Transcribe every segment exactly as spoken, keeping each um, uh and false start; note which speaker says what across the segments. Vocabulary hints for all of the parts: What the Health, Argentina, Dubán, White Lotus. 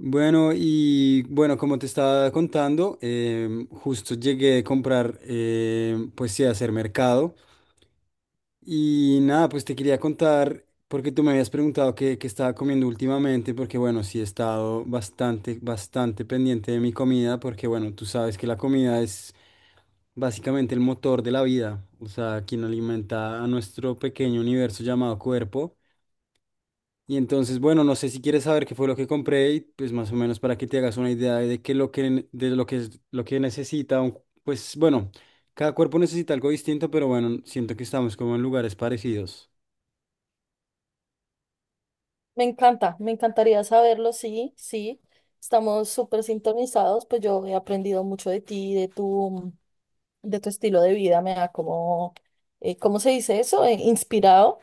Speaker 1: Bueno, y bueno, como te estaba contando, em, justo llegué a comprar, em, pues sí, a hacer mercado. Y nada, pues te quería contar, porque tú me habías preguntado qué, qué estaba comiendo últimamente, porque bueno, sí he estado bastante, bastante pendiente de mi comida, porque bueno, tú sabes que la comida es básicamente el motor de la vida, o sea, quien alimenta a nuestro pequeño universo llamado cuerpo. Y entonces, bueno, no sé si quieres saber qué fue lo que compré y pues más o menos para que te hagas una idea de que lo que de lo que es- lo que necesita un- pues bueno, cada cuerpo necesita algo distinto, pero bueno, siento que estamos como en lugares parecidos.
Speaker 2: Me encanta, me encantaría saberlo, sí, sí. Estamos súper sintonizados, pues yo he aprendido mucho de ti, de tu, de tu estilo de vida, me ha como, eh, ¿cómo se dice eso? Eh, inspirado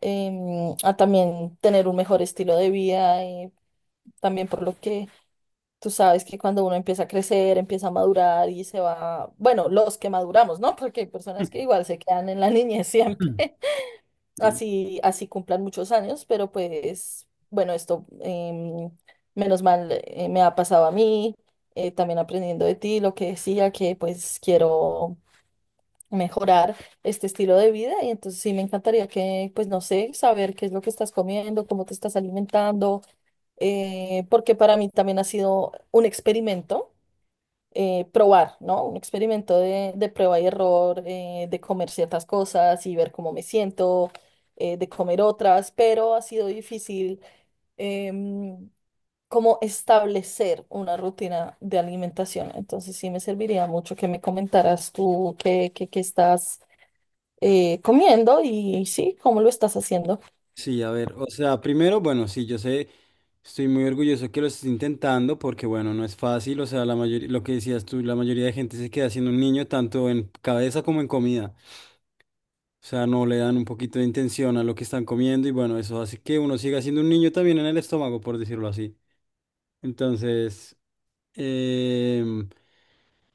Speaker 2: em, a también tener un mejor estilo de vida, eh, también por lo que tú sabes que cuando uno empieza a crecer, empieza a madurar y se va, bueno, los que maduramos, ¿no? Porque hay personas que igual se quedan en la niñez
Speaker 1: Mm.
Speaker 2: siempre así, así cumplan muchos años, pero pues bueno, esto em, menos mal eh, me ha pasado a mí, eh, también aprendiendo de ti lo que decía, que pues quiero mejorar este estilo de vida y entonces sí me encantaría que, pues no sé, saber qué es lo que estás comiendo, cómo te estás alimentando, eh, porque para mí también ha sido un experimento eh, probar, ¿no? Un experimento de, de prueba y error, eh, de comer ciertas cosas y ver cómo me siento, eh, de comer otras, pero ha sido difícil em, como establecer una rutina de alimentación. Entonces sí me serviría mucho que me comentaras tú qué, qué, qué estás eh, comiendo y sí, cómo lo estás haciendo.
Speaker 1: Sí, a ver, o sea, primero, bueno, sí, yo sé, estoy muy orgulloso que lo estés intentando porque bueno, no es fácil, o sea, la mayoría, lo que decías tú, la mayoría de gente se queda siendo un niño tanto en cabeza como en comida. O sea, no le dan un poquito de intención a lo que están comiendo y bueno, eso hace que uno siga siendo un niño también en el estómago, por decirlo así. Entonces, em,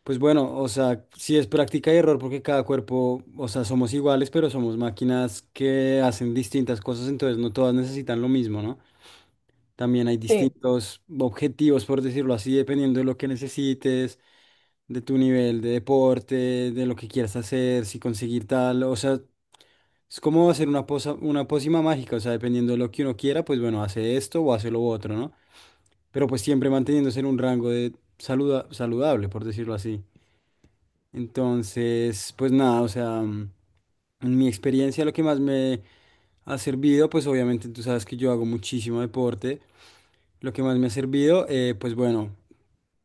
Speaker 1: pues bueno, o sea, sí es práctica y error porque cada cuerpo, o sea, somos iguales, pero somos máquinas que hacen distintas cosas, entonces no todas necesitan lo mismo, ¿no? También hay
Speaker 2: Sí.
Speaker 1: distintos objetivos, por decirlo así, dependiendo de lo que necesites de tu nivel de deporte, de lo que quieras hacer, si conseguir tal, o sea, es como hacer una posa- una pócima mágica, o sea, dependiendo de lo que uno quiera, pues bueno, hace esto o hace lo otro, ¿no? Pero pues siempre manteniéndose en un rango de saluda- saludable, por decirlo así. Entonces, pues nada, o sea, mm, en mi experiencia lo que más me ha servido, pues obviamente tú sabes que yo hago muchísimo deporte. Lo que más me ha servido, eh, pues bueno,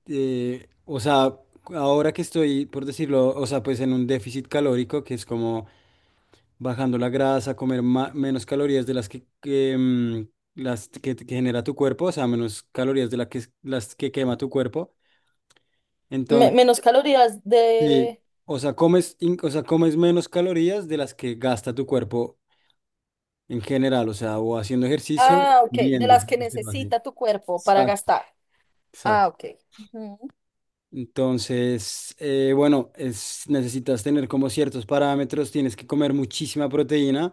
Speaker 1: eh, o sea, ahora que estoy, por decirlo, o sea, pues en un déficit calórico, que es como bajando la grasa, comer ma- menos calorías de las que, que, mm, las que, que genera tu cuerpo, o sea, menos calorías de las que, las que quema tu cuerpo.
Speaker 2: Me-
Speaker 1: Entonces,
Speaker 2: menos calorías
Speaker 1: sí,
Speaker 2: de...
Speaker 1: o sea, comes, in- o sea, comes menos calorías de las que gasta tu cuerpo en general, o sea, o haciendo ejercicio,
Speaker 2: Ah, ok, de
Speaker 1: viviendo,
Speaker 2: las
Speaker 1: por
Speaker 2: que
Speaker 1: decirlo así.
Speaker 2: necesita tu cuerpo para
Speaker 1: Exacto.
Speaker 2: gastar. Ah,
Speaker 1: Exacto.
Speaker 2: ok.
Speaker 1: Entonces, eh, bueno, es, necesitas tener como ciertos parámetros, tienes que comer muchísima proteína.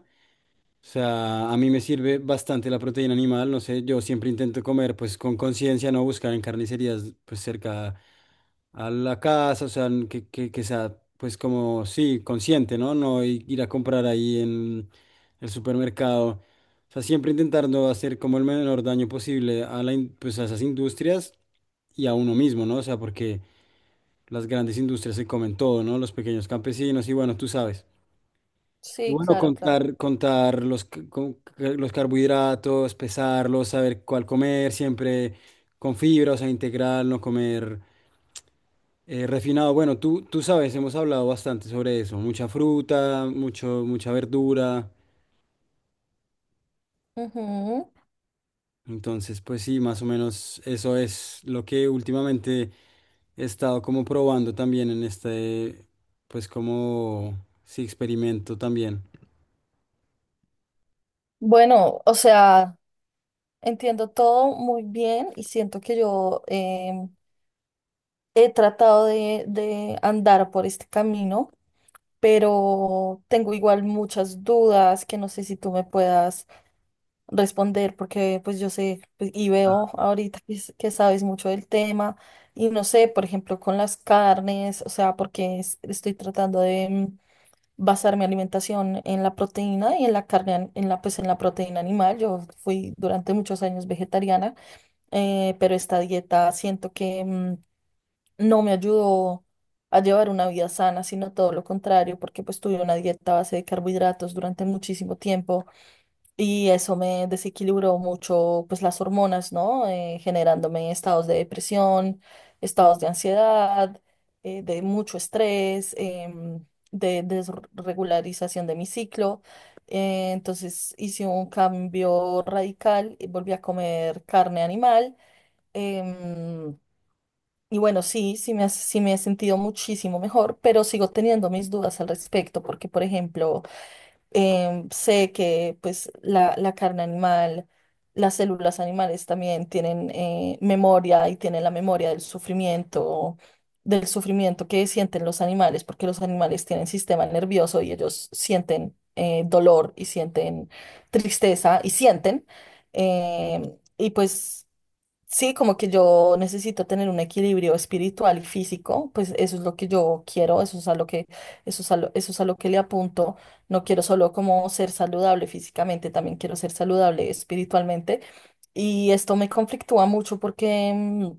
Speaker 1: O sea, a mí me sirve bastante la proteína animal, no sé, yo siempre intento comer pues con conciencia, no buscar en carnicerías pues cerca a la casa, o sea, n- que, que, que sea pues como, sí, consciente, ¿no? No i- ir a comprar ahí en el supermercado. O sea, siempre intentando hacer como el menor daño posible a la, in- pues a esas industrias y a uno mismo, ¿no? O sea, porque las grandes industrias se comen todo, ¿no? Los pequeños campesinos y bueno, tú sabes. Y
Speaker 2: Sí,
Speaker 1: bueno,
Speaker 2: claro, claro.
Speaker 1: contar, contar los, c- con- c- los carbohidratos, pesarlos, saber cuál comer, siempre con fibra, o sea, integral, no comer eh, refinado. Bueno, tú, tú sabes, hemos hablado bastante sobre eso, mucha fruta, mucho, mucha verdura.
Speaker 2: Ujú.
Speaker 1: Entonces, pues sí, más o menos eso es lo que últimamente he estado como probando también en este, pues como, sí, experimento también.
Speaker 2: Bueno, o sea, entiendo todo muy bien y siento que yo em, he tratado de, de andar por este camino, pero tengo igual muchas dudas que no sé si tú me puedas responder porque pues yo sé pues, y veo ahorita que, s- que sabes mucho del tema y no sé, por ejemplo, con las carnes, o sea, porque es- estoy tratando de... em, basar mi alimentación en la proteína y en la carne, an- en la, pues en la proteína animal. Yo fui durante muchos años vegetariana, eh, pero esta dieta siento que mm, no me ayudó a llevar una vida sana, sino todo lo contrario, porque pues tuve una dieta a base de carbohidratos durante muchísimo tiempo. Y eso me desequilibró mucho, pues las hormonas, ¿no? Eh, generándome estados de depresión, estados de ansiedad, eh, de mucho estrés, em, de desregularización de mi ciclo. Eh, entonces hice un cambio radical y volví a comer carne animal. em, y bueno, sí, sí me, ha- sí me he sentido muchísimo mejor, pero sigo teniendo mis dudas al respecto, porque, por ejemplo, em, sé que pues la, la carne animal, las células animales también tienen eh, memoria y tienen la memoria del sufrimiento, del sufrimiento que sienten los animales, porque los animales tienen sistema nervioso y ellos sienten eh, dolor y sienten tristeza y sienten. em, y pues sí, como que yo necesito tener un equilibrio espiritual y físico, pues eso es lo que yo quiero, eso es a lo que, eso es a lo, eso es a lo que le apunto. No quiero solo como ser saludable físicamente, también quiero ser saludable espiritualmente. Y esto me conflictúa mucho porque mm,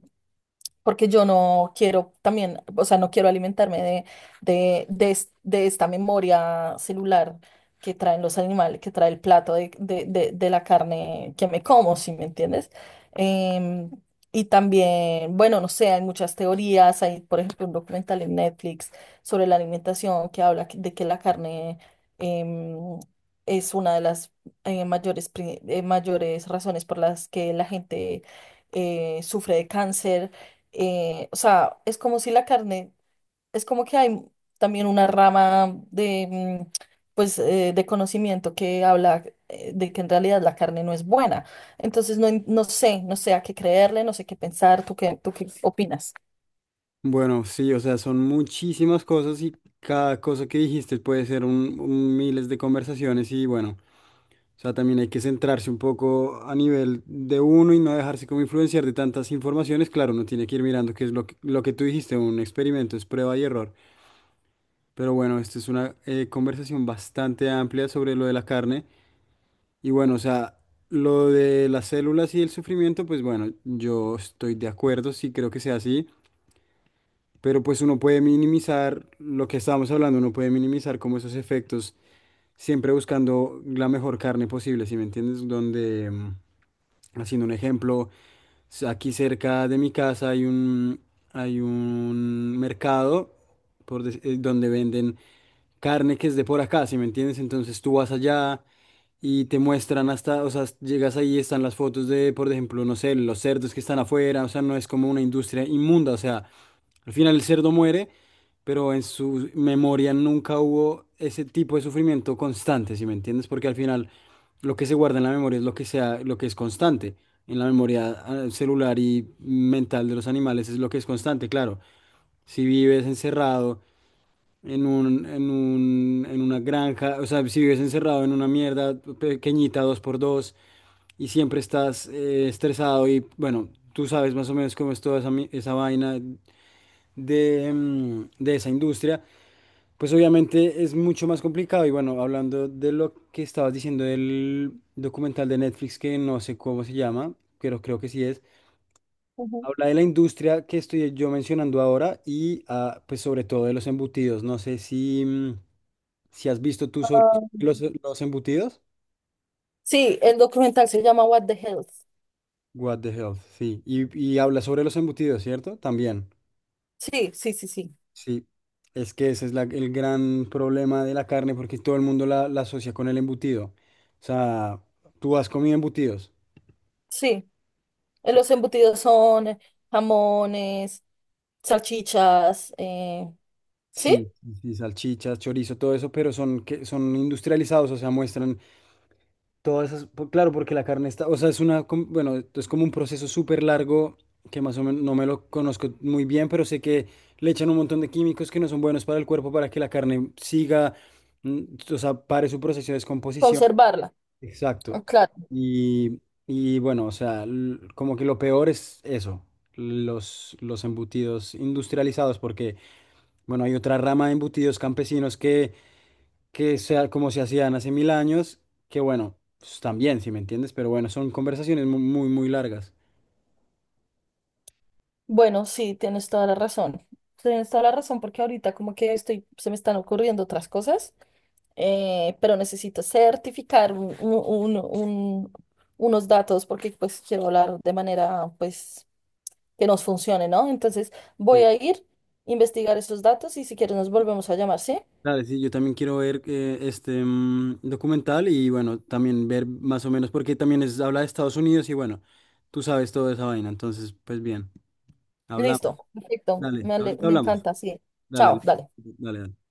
Speaker 2: porque yo no quiero también, o sea, no quiero alimentarme de, de, de, es- de esta memoria celular que traen los animales, que trae el plato de, de, de- de la carne que me como, ¿si me entiendes? Em, y también, bueno, no sé, hay muchas teorías, hay, por ejemplo, un documental en Netflix sobre la alimentación que habla que- de que la carne em, es una de las eh, mayores, pri- eh, mayores razones por las que la gente eh, sufre de cáncer, eh, o sea, es como si la carne, es como que hay también una rama de, mm, pues, eh, de conocimiento que habla eh, de que en realidad la carne no es buena. Entonces, no, en- no sé, no sé a qué creerle, no sé qué pensar. ¿Tú qué, tú qué opinas?
Speaker 1: Bueno, sí, o sea, son muchísimas cosas y cada cosa que dijiste puede ser un, un miles de conversaciones y bueno, o sea, también hay que centrarse un poco a nivel de uno y no dejarse como influenciar de tantas informaciones. Claro, uno tiene que ir mirando qué es lo que, lo que tú dijiste, un experimento es prueba y error. Pero bueno, esta es una eh, conversación bastante amplia sobre lo de la carne y bueno, o sea, lo de las células y el sufrimiento, pues bueno, yo estoy de acuerdo, sí creo que sea así. Pero pues uno puede minimizar lo que estábamos hablando, uno puede minimizar como esos efectos, siempre buscando la mejor carne posible, ¿si me entiendes? Donde, mm, haciendo un ejemplo, s- aquí cerca de mi casa hay un, hay un mercado por dec- eh, donde venden carne que es de por acá, ¿si me entiendes? Entonces tú vas allá y te muestran hasta, o sea, llegas ahí, están las fotos de, por ejemplo, no sé, los cerdos que están afuera, o sea, no es como una industria inmunda, o sea. Al final el cerdo muere, pero en su memoria nunca hubo ese tipo de sufrimiento constante, ¿si me entiendes? Porque al final lo que se guarda en la memoria es lo que sea, lo que es constante. En la memoria ah, celular y mental de los animales es lo que es constante, claro. Si vives encerrado en un, en un, en una granja, o sea, si vives encerrado en una mierda pequeñita, dos por dos, y siempre estás eh, estresado y bueno, tú sabes más o menos cómo es toda esa, mi- esa vaina de, mm, de esa industria, pues obviamente es mucho más complicado. Y bueno, hablando de lo que estabas diciendo del documental de Netflix, que no sé cómo se llama, pero creo que sí es,
Speaker 2: Ujú.
Speaker 1: habla de la industria que estoy yo mencionando ahora y ah, pues sobre todo de los embutidos. No sé si, mm, si has visto tú sobre los, los embutidos.
Speaker 2: Sí, el documental se llama What the Health.
Speaker 1: What the hell, sí. Y, y habla sobre los embutidos, ¿cierto? También.
Speaker 2: Sí, sí, sí, sí.
Speaker 1: Sí, es que ese es la- el gran problema de la carne porque todo el mundo la, la asocia con el embutido. O sea, tú has comido embutidos.
Speaker 2: Sí, eh,
Speaker 1: So-
Speaker 2: los embutidos son eh, jamones, salchichas, eh, ¿sí?
Speaker 1: Sí, sí, sí, salchichas, chorizo, todo eso, pero son, que, son industrializados, o sea, muestran todas esas... po- Claro, porque la carne está, o sea, es una, com- bueno, es como un proceso súper largo que más o menos no me lo conozco muy bien, pero sé que le echan un montón de químicos que no son buenos para el cuerpo para que la carne siga, mm, o sea, pare su proceso de descomposición.
Speaker 2: Conservarla,
Speaker 1: Exacto.
Speaker 2: ah, claro.
Speaker 1: Y, y bueno, o sea, l- como que lo peor es eso, los, los embutidos industrializados, porque, bueno, hay otra rama de embutidos campesinos que, que sea como se hacían hace mil años, que bueno, pues, también, si me entiendes, pero bueno, son conversaciones mu- muy, muy largas.
Speaker 2: Bueno, sí, tienes toda la razón. Tienes toda la razón porque ahorita como que estoy, se me están ocurriendo otras cosas, eh, pero necesito certificar un- un- un- un- unos datos porque pues quiero hablar de manera pues que nos funcione, ¿no? Entonces voy
Speaker 1: Sí.
Speaker 2: a ir, investigar esos datos y si quieres nos volvemos a llamar, ¿sí?
Speaker 1: Dale, sí, yo también quiero ver eh, este mm, documental y bueno, también ver más o menos, porque también es, habla de Estados Unidos y bueno, tú sabes toda esa vaina, entonces, pues bien, hablamos.
Speaker 2: Listo, perfecto,
Speaker 1: Dale,
Speaker 2: me, ale-
Speaker 1: ahorita
Speaker 2: me
Speaker 1: hablamos.
Speaker 2: encanta, sí. Chao,
Speaker 1: Dale,
Speaker 2: dale.
Speaker 1: dale, dale.